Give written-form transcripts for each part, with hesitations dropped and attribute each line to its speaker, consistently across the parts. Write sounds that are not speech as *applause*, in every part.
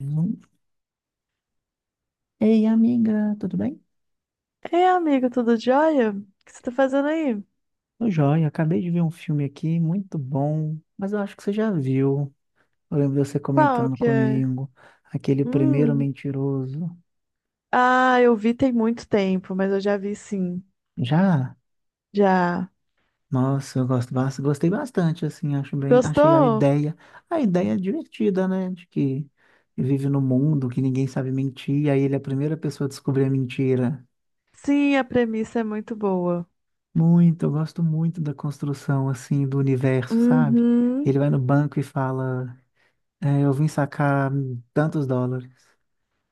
Speaker 1: Hum. Ei, amiga, tudo bem?
Speaker 2: É, amigo, tudo jóia? O que você tá fazendo aí?
Speaker 1: Tô joia, acabei de ver um filme aqui muito bom, mas eu acho que você já viu. Eu lembro de você
Speaker 2: Qual
Speaker 1: comentando
Speaker 2: que é?
Speaker 1: comigo, aquele primeiro
Speaker 2: Hum.
Speaker 1: mentiroso.
Speaker 2: Ah, eu vi tem muito tempo, mas eu já vi sim.
Speaker 1: Já?
Speaker 2: Já.
Speaker 1: Nossa, eu gosto, gostei bastante, assim, acho bem, achei
Speaker 2: Gostou?
Speaker 1: a ideia divertida, né? De que vive no mundo que ninguém sabe mentir, aí ele é a primeira pessoa a descobrir a mentira.
Speaker 2: Sim, a premissa é muito boa.
Speaker 1: Muito, eu gosto muito da construção, assim, do universo, sabe?
Speaker 2: Uhum.
Speaker 1: Ele vai no banco e fala. É, eu vim sacar tantos dólares.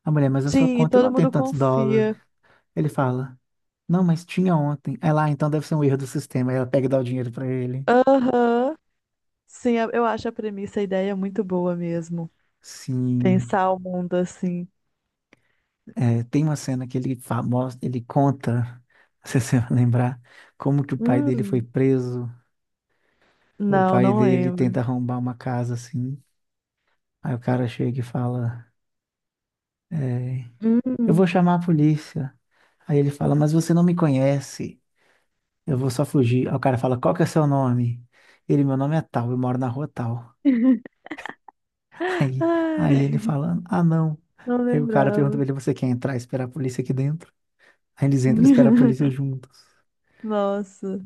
Speaker 1: A mulher, mas a sua
Speaker 2: Sim, e
Speaker 1: conta
Speaker 2: todo
Speaker 1: não tem
Speaker 2: mundo
Speaker 1: tantos dólares.
Speaker 2: confia.
Speaker 1: Ele fala, não, mas tinha ontem. Aí lá, então deve ser um erro do sistema. Aí ela pega e dá o dinheiro pra ele.
Speaker 2: Aham. Sim, eu acho a premissa, a ideia muito boa mesmo.
Speaker 1: Sim,
Speaker 2: Pensar o mundo assim.
Speaker 1: é, tem uma cena que ele mostra, ele conta, *laughs* não se você vai lembrar, como que o pai dele foi
Speaker 2: Hum.
Speaker 1: preso. O
Speaker 2: Não,
Speaker 1: pai
Speaker 2: não
Speaker 1: dele
Speaker 2: lembro.
Speaker 1: tenta arrombar uma casa assim. Aí o cara chega e fala, é, eu
Speaker 2: Hum.
Speaker 1: vou chamar a polícia. Aí ele fala, mas você não me conhece. Eu vou só fugir. Aí o cara fala, qual que é seu nome? Ele, meu nome é tal, eu moro na rua tal.
Speaker 2: *laughs*
Speaker 1: *laughs* Aí, ele
Speaker 2: Ai,
Speaker 1: fala, ah, não.
Speaker 2: não
Speaker 1: Aí o cara pergunta pra
Speaker 2: lembrava.
Speaker 1: ele, você quer entrar e esperar a polícia aqui dentro? Aí eles entram e esperam a polícia
Speaker 2: *laughs*
Speaker 1: juntos.
Speaker 2: Nossa.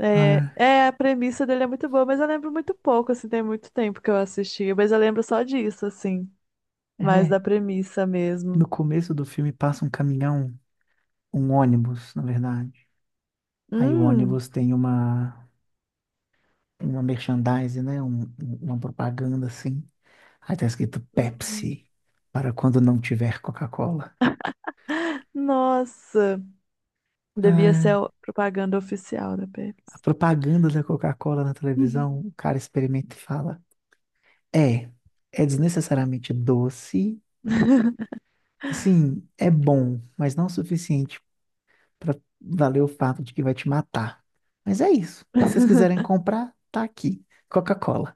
Speaker 2: É,
Speaker 1: Ah,
Speaker 2: é, a premissa dele é muito boa, mas eu lembro muito pouco, assim, tem muito tempo que eu assisti, mas eu lembro só disso, assim, mais
Speaker 1: é,
Speaker 2: da premissa mesmo.
Speaker 1: no começo do filme passa um caminhão, um ônibus, na verdade. Aí o
Speaker 2: Hum,
Speaker 1: ônibus tem uma merchandise, né? Uma propaganda assim. Aí tá escrito
Speaker 2: Hum.
Speaker 1: Pepsi, para quando não tiver Coca-Cola.
Speaker 2: Nossa, devia ser
Speaker 1: Ah,
Speaker 2: a propaganda oficial da
Speaker 1: a
Speaker 2: Pepsi.
Speaker 1: propaganda da Coca-Cola na televisão, o cara experimenta e fala: É, é desnecessariamente doce. Assim, é bom, mas não o suficiente para valer o fato de que vai te matar. Mas é isso. Se vocês quiserem
Speaker 2: *laughs*
Speaker 1: comprar, tá aqui. Coca-Cola.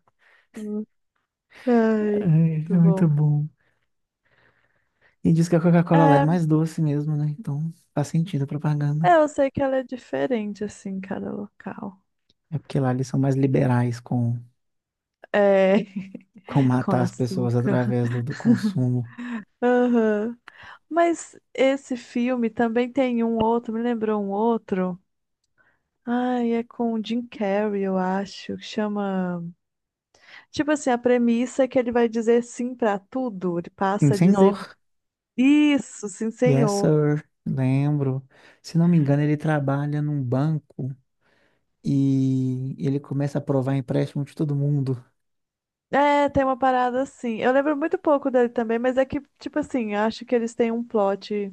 Speaker 2: Hum. Ai,
Speaker 1: Ai, é
Speaker 2: muito bom.
Speaker 1: muito bom. E diz que a Coca-Cola lá é
Speaker 2: É,
Speaker 1: mais doce mesmo, né? Então faz sentido a propaganda.
Speaker 2: é, eu sei que ela é diferente, assim, em cada local.
Speaker 1: É porque lá eles são mais liberais
Speaker 2: É, *laughs*
Speaker 1: com
Speaker 2: com
Speaker 1: matar as pessoas
Speaker 2: açúcar.
Speaker 1: através do consumo.
Speaker 2: Aham. Mas esse filme também tem um outro, me lembrou um outro. Ai, é com o Jim Carrey, eu acho, que chama. Tipo assim, a premissa é que ele vai dizer sim pra tudo, ele
Speaker 1: Sim,
Speaker 2: passa a dizer
Speaker 1: senhor.
Speaker 2: isso, sim,
Speaker 1: Yes,
Speaker 2: senhor.
Speaker 1: sir. Lembro. Se não me engano, ele trabalha num banco e ele começa a aprovar empréstimo de todo mundo.
Speaker 2: É, tem uma parada assim. Eu lembro muito pouco dele também, mas é que, tipo assim, acho que eles têm um plot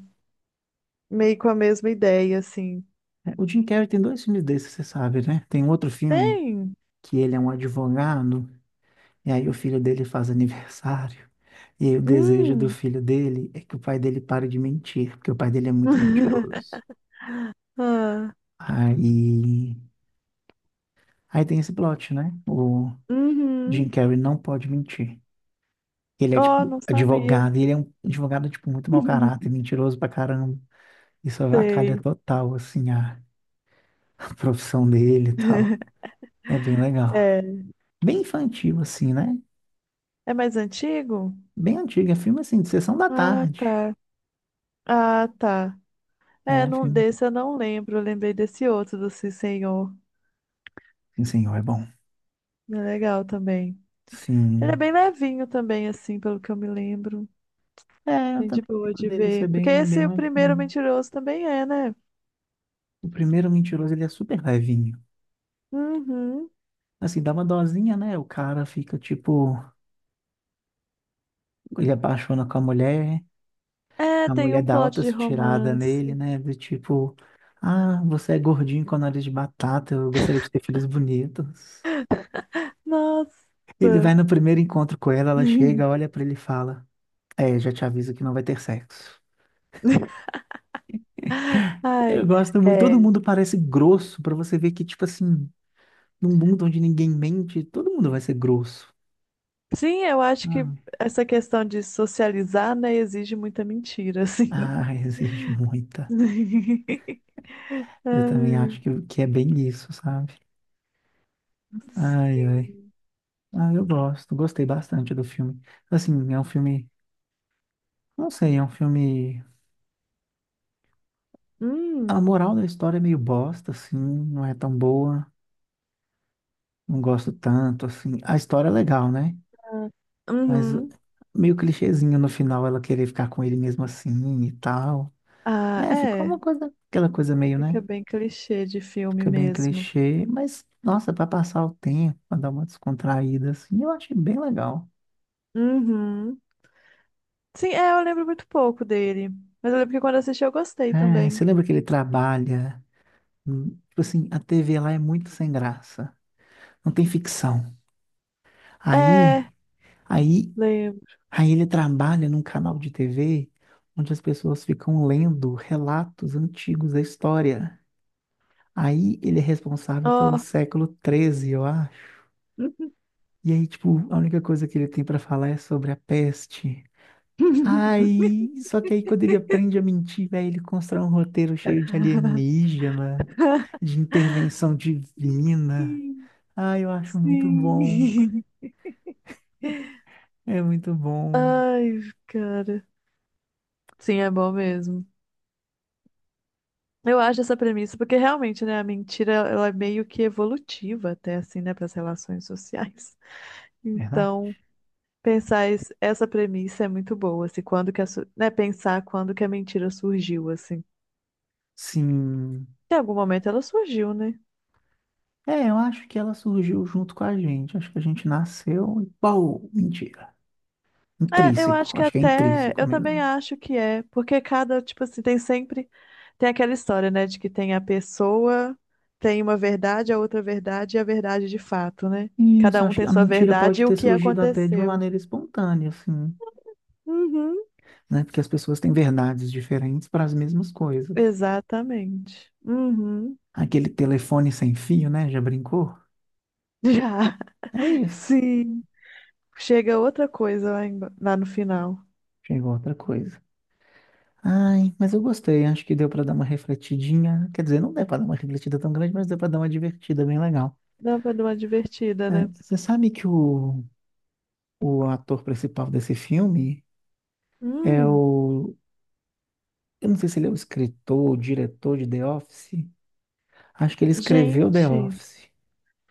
Speaker 2: meio com a mesma ideia, assim.
Speaker 1: É, o Jim Carrey tem dois filmes desses, você sabe, né? Tem um outro filme
Speaker 2: Tem?
Speaker 1: que ele é um advogado e aí o filho dele faz aniversário. E aí o desejo do
Speaker 2: Hum.
Speaker 1: filho dele é que o pai dele pare de mentir, porque o pai dele é muito
Speaker 2: *laughs*
Speaker 1: mentiroso.
Speaker 2: Ah,
Speaker 1: Aí, aí, tem esse plot, né? O
Speaker 2: uhum.
Speaker 1: Jim Carrey não pode mentir. Ele é,
Speaker 2: Oh,
Speaker 1: tipo,
Speaker 2: não sabia.
Speaker 1: advogado, e ele é um advogado, tipo, muito mau caráter,
Speaker 2: *laughs*
Speaker 1: mentiroso pra caramba. Isso avacalha
Speaker 2: Sei.
Speaker 1: total, assim, a profissão dele e tal. É bem legal.
Speaker 2: É.
Speaker 1: Bem infantil, assim, né?
Speaker 2: É mais antigo?
Speaker 1: Bem antigo, é filme, assim, de sessão da
Speaker 2: Ah,
Speaker 1: tarde.
Speaker 2: tá. Ah, tá. É,
Speaker 1: É,
Speaker 2: não
Speaker 1: filme.
Speaker 2: desse eu não lembro. Eu lembrei desse outro do Sim Senhor.
Speaker 1: Sim, senhor, é bom.
Speaker 2: É legal também. Ele é
Speaker 1: Sim.
Speaker 2: bem levinho também, assim, pelo que eu me lembro.
Speaker 1: É, eu
Speaker 2: Bem de
Speaker 1: também
Speaker 2: boa
Speaker 1: lembro
Speaker 2: de
Speaker 1: dele ser
Speaker 2: ver. Porque
Speaker 1: bem,
Speaker 2: esse
Speaker 1: bem
Speaker 2: o primeiro
Speaker 1: levinho.
Speaker 2: mentiroso também é, né?
Speaker 1: O primeiro mentiroso, ele é super levinho.
Speaker 2: Uhum.
Speaker 1: Assim, dá uma dosinha, né? O cara fica, tipo, ele apaixona com a mulher.
Speaker 2: É,
Speaker 1: A
Speaker 2: tem
Speaker 1: mulher
Speaker 2: um
Speaker 1: dá
Speaker 2: plot de
Speaker 1: altas tiradas nele,
Speaker 2: romance.
Speaker 1: né? Do tipo, ah, você é gordinho com nariz de batata, eu gostaria de ter filhos bonitos.
Speaker 2: Nossa.
Speaker 1: Ele vai no primeiro encontro com ela, ela chega,
Speaker 2: *laughs*
Speaker 1: olha pra ele e fala: É, já te aviso que não vai ter sexo.
Speaker 2: Ai.
Speaker 1: Eu gosto muito, todo
Speaker 2: É.
Speaker 1: mundo parece grosso, pra você ver que, tipo assim, num mundo onde ninguém mente, todo mundo vai ser grosso.
Speaker 2: Sim, eu acho que
Speaker 1: Ah,
Speaker 2: essa questão de socializar, né, exige muita mentira, assim.
Speaker 1: ah, existe muita.
Speaker 2: *laughs*
Speaker 1: Eu também
Speaker 2: Ai.
Speaker 1: acho que é bem isso, sabe? Ai, ai. Ah, eu gosto, gostei bastante do filme. Assim, é um filme. Não sei, é um filme. A
Speaker 2: Hum.
Speaker 1: moral da história é meio bosta, assim, não é tão boa, não gosto tanto, assim. A história é legal, né?
Speaker 2: Ah.
Speaker 1: Mas
Speaker 2: Uhum.
Speaker 1: meio clichêzinho no final ela querer ficar com ele mesmo assim e tal.
Speaker 2: Ah,
Speaker 1: É, ficou
Speaker 2: é.
Speaker 1: uma coisa, aquela coisa meio, né?
Speaker 2: Fica bem clichê de filme
Speaker 1: Fica bem
Speaker 2: mesmo.
Speaker 1: clichê, mas nossa, pra passar o tempo, pra dar uma descontraída, assim, eu achei bem legal.
Speaker 2: Uhum. Sim, é, eu lembro muito pouco dele. Mas eu lembro que quando eu assisti eu gostei
Speaker 1: É,
Speaker 2: também.
Speaker 1: você lembra que ele trabalha? Tipo assim, a TV lá é muito sem graça, não tem ficção.
Speaker 2: É,
Speaker 1: Aí. Aí
Speaker 2: lembro.
Speaker 1: Aí, ele trabalha num canal de TV onde as pessoas ficam lendo relatos antigos da história. Aí ele é responsável pelo
Speaker 2: Ó.
Speaker 1: século 13, eu acho. E aí, tipo, a única coisa que ele tem pra falar é sobre a peste.
Speaker 2: *laughs*
Speaker 1: Aí, só que aí quando ele aprende a mentir, velho, ele constrói um roteiro cheio de alienígena, de intervenção divina.
Speaker 2: Sim.
Speaker 1: Ah, eu acho muito bom.
Speaker 2: Sim.
Speaker 1: É muito bom.
Speaker 2: Ai, cara. Sim, é bom mesmo. Eu acho essa premissa, porque realmente, né, a mentira, ela é meio que evolutiva até, assim, né, para as relações sociais.
Speaker 1: Verdade?
Speaker 2: Então, pensar isso, essa premissa é muito boa, assim, quando que a, su- né, pensar quando que a mentira surgiu, assim.
Speaker 1: Sim.
Speaker 2: Em algum momento ela surgiu, né?
Speaker 1: É, eu acho que ela surgiu junto com a gente. Acho que a gente nasceu e pau, mentira.
Speaker 2: É, eu acho
Speaker 1: Intrínseco,
Speaker 2: que
Speaker 1: acho que é
Speaker 2: até,
Speaker 1: intrínseco
Speaker 2: eu também
Speaker 1: mesmo.
Speaker 2: acho que é, porque cada, tipo assim, tem sempre, tem aquela história, né, de que tem a pessoa, tem uma verdade, a outra verdade e a verdade de fato, né?
Speaker 1: E isso,
Speaker 2: Cada um
Speaker 1: acho que
Speaker 2: tem
Speaker 1: a
Speaker 2: sua
Speaker 1: mentira pode
Speaker 2: verdade e o
Speaker 1: ter
Speaker 2: que
Speaker 1: surgido até de uma
Speaker 2: aconteceu.
Speaker 1: maneira espontânea, assim,
Speaker 2: Uhum,
Speaker 1: né? Porque as pessoas têm verdades diferentes para as mesmas coisas.
Speaker 2: exatamente. Uhum,
Speaker 1: Aquele telefone sem fio, né? Já brincou?
Speaker 2: já.
Speaker 1: É
Speaker 2: *laughs*
Speaker 1: isso.
Speaker 2: Sim, chega outra coisa lá, em- lá no final.
Speaker 1: Chegou outra coisa. Ai, mas eu gostei. Acho que deu para dar uma refletidinha. Quer dizer, não deu para dar uma refletida tão grande, mas deu para dar uma divertida bem legal.
Speaker 2: Dava de uma divertida,
Speaker 1: É,
Speaker 2: né?
Speaker 1: você sabe que o ator principal desse filme é
Speaker 2: Hum,
Speaker 1: o. Eu não sei se ele é o escritor, o diretor de The Office. Acho que ele escreveu The
Speaker 2: gente,
Speaker 1: Office.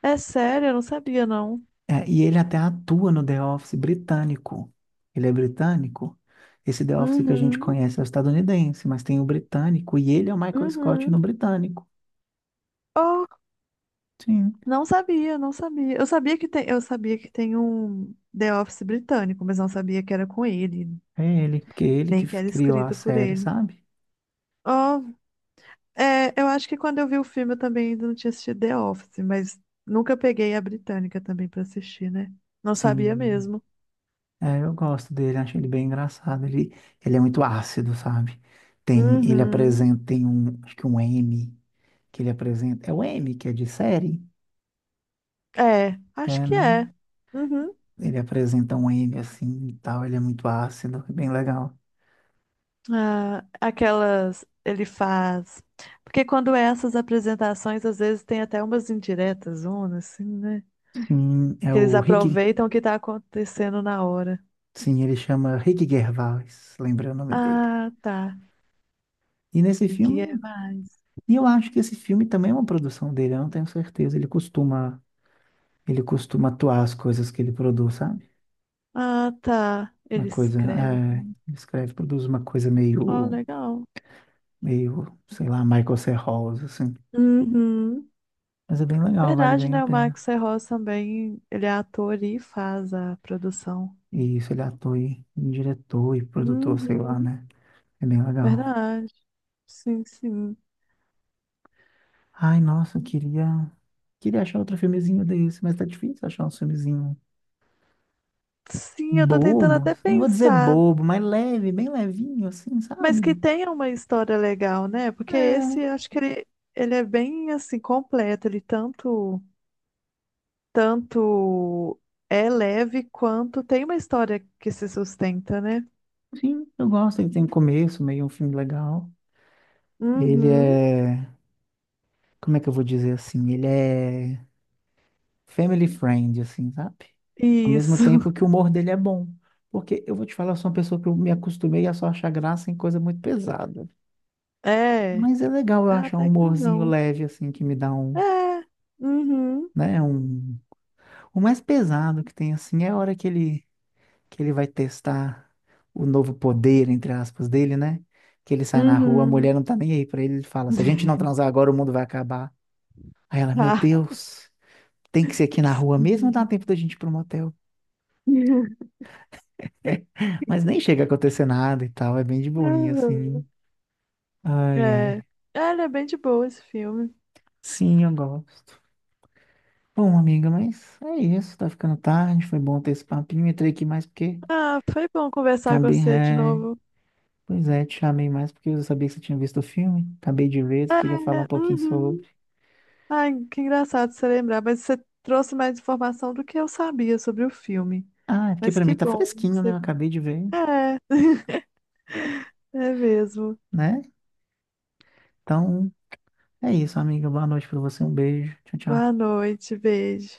Speaker 2: é sério, eu não sabia, não.
Speaker 1: É, e ele até atua no The Office britânico. Ele é britânico. Esse The Office que a gente
Speaker 2: Uhum,
Speaker 1: conhece é o estadunidense, mas tem o britânico. E ele é o Michael Scott no
Speaker 2: uhum.
Speaker 1: britânico.
Speaker 2: Oh,
Speaker 1: Sim,
Speaker 2: não sabia, não sabia. Eu sabia que tem, eu sabia que tem um The Office britânico, mas não sabia que era com ele,
Speaker 1: é ele. Porque é ele que
Speaker 2: nem que era
Speaker 1: criou a
Speaker 2: escrito por
Speaker 1: série,
Speaker 2: ele.
Speaker 1: sabe?
Speaker 2: Oh, é, eu acho que quando eu vi o filme eu também ainda não tinha assistido The Office, mas nunca peguei a britânica também pra assistir, né? Não sabia
Speaker 1: Sim.
Speaker 2: mesmo.
Speaker 1: É, eu gosto dele, acho ele bem engraçado. Ele é muito ácido, sabe? Tem, ele
Speaker 2: Uhum.
Speaker 1: apresenta, tem um, acho que um M que ele apresenta. É o M que é de série?
Speaker 2: É, acho
Speaker 1: É,
Speaker 2: que
Speaker 1: né?
Speaker 2: é. Uhum.
Speaker 1: Ele apresenta um M assim e tal, ele é muito ácido, é bem legal.
Speaker 2: Ah, aquelas ele faz. Porque quando é essas apresentações, às vezes tem até umas indiretas, uma assim, né?
Speaker 1: Sim, é
Speaker 2: Que eles
Speaker 1: o Rick.
Speaker 2: aproveitam o que tá acontecendo na hora.
Speaker 1: Sim, ele chama Rick Gervais, lembrei o nome dele.
Speaker 2: Ah, tá.
Speaker 1: E nesse
Speaker 2: E que é
Speaker 1: filme,
Speaker 2: mais?
Speaker 1: e eu acho que esse filme também é uma produção dele, eu não tenho certeza. Ele costuma atuar as coisas que ele produz, sabe?
Speaker 2: Ah, tá.
Speaker 1: Uma
Speaker 2: Ele
Speaker 1: coisa,
Speaker 2: escreve.
Speaker 1: é, ele escreve, produz uma coisa
Speaker 2: Ó,
Speaker 1: meio,
Speaker 2: legal.
Speaker 1: meio, sei lá, Michael C. Hall, assim.
Speaker 2: Uhum.
Speaker 1: Mas é bem legal, vale
Speaker 2: Verdade,
Speaker 1: bem a
Speaker 2: né? O
Speaker 1: pena.
Speaker 2: Marcos Serroz também, ele é ator e faz a produção.
Speaker 1: E isso, ele é ator e diretor e produtor, sei lá,
Speaker 2: Uhum.
Speaker 1: né? É bem legal.
Speaker 2: Verdade. Sim, sim.
Speaker 1: Ai, nossa, eu queria, queria achar outro filmezinho desse, mas tá difícil achar um filmezinho
Speaker 2: Sim, eu tô tentando
Speaker 1: bobo.
Speaker 2: até
Speaker 1: Não vou dizer
Speaker 2: pensar.
Speaker 1: bobo, mas leve, bem levinho, assim,
Speaker 2: Mas que
Speaker 1: sabe?
Speaker 2: tenha uma história legal, né? Porque esse,
Speaker 1: É,
Speaker 2: acho que ele é bem assim completo. Ele tanto é leve quanto tem uma história que se sustenta, né?
Speaker 1: sim, eu gosto. Ele tem um começo, meio um filme legal. Ele
Speaker 2: Uhum.
Speaker 1: é, como é que eu vou dizer assim? Ele é family friend, assim, sabe? Ao mesmo
Speaker 2: Isso. *laughs*
Speaker 1: tempo que o humor dele é bom. Porque eu vou te falar, eu sou uma pessoa que eu me acostumei a só achar graça em coisa muito pesada.
Speaker 2: É.
Speaker 1: Mas é legal eu
Speaker 2: Ah,
Speaker 1: achar um
Speaker 2: até que eu
Speaker 1: humorzinho
Speaker 2: não.
Speaker 1: leve, assim, que me dá um,
Speaker 2: É. Uhum.
Speaker 1: né, um... O mais pesado que tem, assim, é a hora que ele vai testar o novo poder, entre aspas, dele, né? Que ele sai na rua, a
Speaker 2: Uhum.
Speaker 1: mulher não tá nem aí pra ele, ele fala, se a gente não
Speaker 2: *laughs*
Speaker 1: transar agora, o mundo vai acabar. Aí ela, meu
Speaker 2: Ah.
Speaker 1: Deus, tem que ser aqui na rua mesmo ou dá tempo da gente ir pro motel? *laughs* Mas nem chega a acontecer nada e tal, é bem de boinha, assim.
Speaker 2: *laughs*
Speaker 1: Ai,
Speaker 2: É.
Speaker 1: ai.
Speaker 2: É, ele é bem de boa esse filme.
Speaker 1: Sim, eu gosto. Bom, amiga, mas é isso, tá ficando tarde, foi bom ter esse papinho. Entrei aqui mais porque
Speaker 2: Ah, foi bom conversar com
Speaker 1: acabei.
Speaker 2: você de
Speaker 1: É...
Speaker 2: novo.
Speaker 1: Pois é, te chamei mais porque eu sabia que você tinha visto o filme. Acabei de ver,
Speaker 2: É.
Speaker 1: queria falar um pouquinho sobre.
Speaker 2: Uhum. Ai, que engraçado você lembrar, mas você trouxe mais informação do que eu sabia sobre o filme.
Speaker 1: Ah, é porque
Speaker 2: Mas
Speaker 1: pra
Speaker 2: que
Speaker 1: mim tá
Speaker 2: bom que
Speaker 1: fresquinho, né? Eu
Speaker 2: você.
Speaker 1: acabei de ver,
Speaker 2: É, *laughs* é mesmo.
Speaker 1: né? Então, é isso, amiga. Boa noite pra você, um beijo. Tchau,
Speaker 2: Boa
Speaker 1: tchau.
Speaker 2: noite, beijo.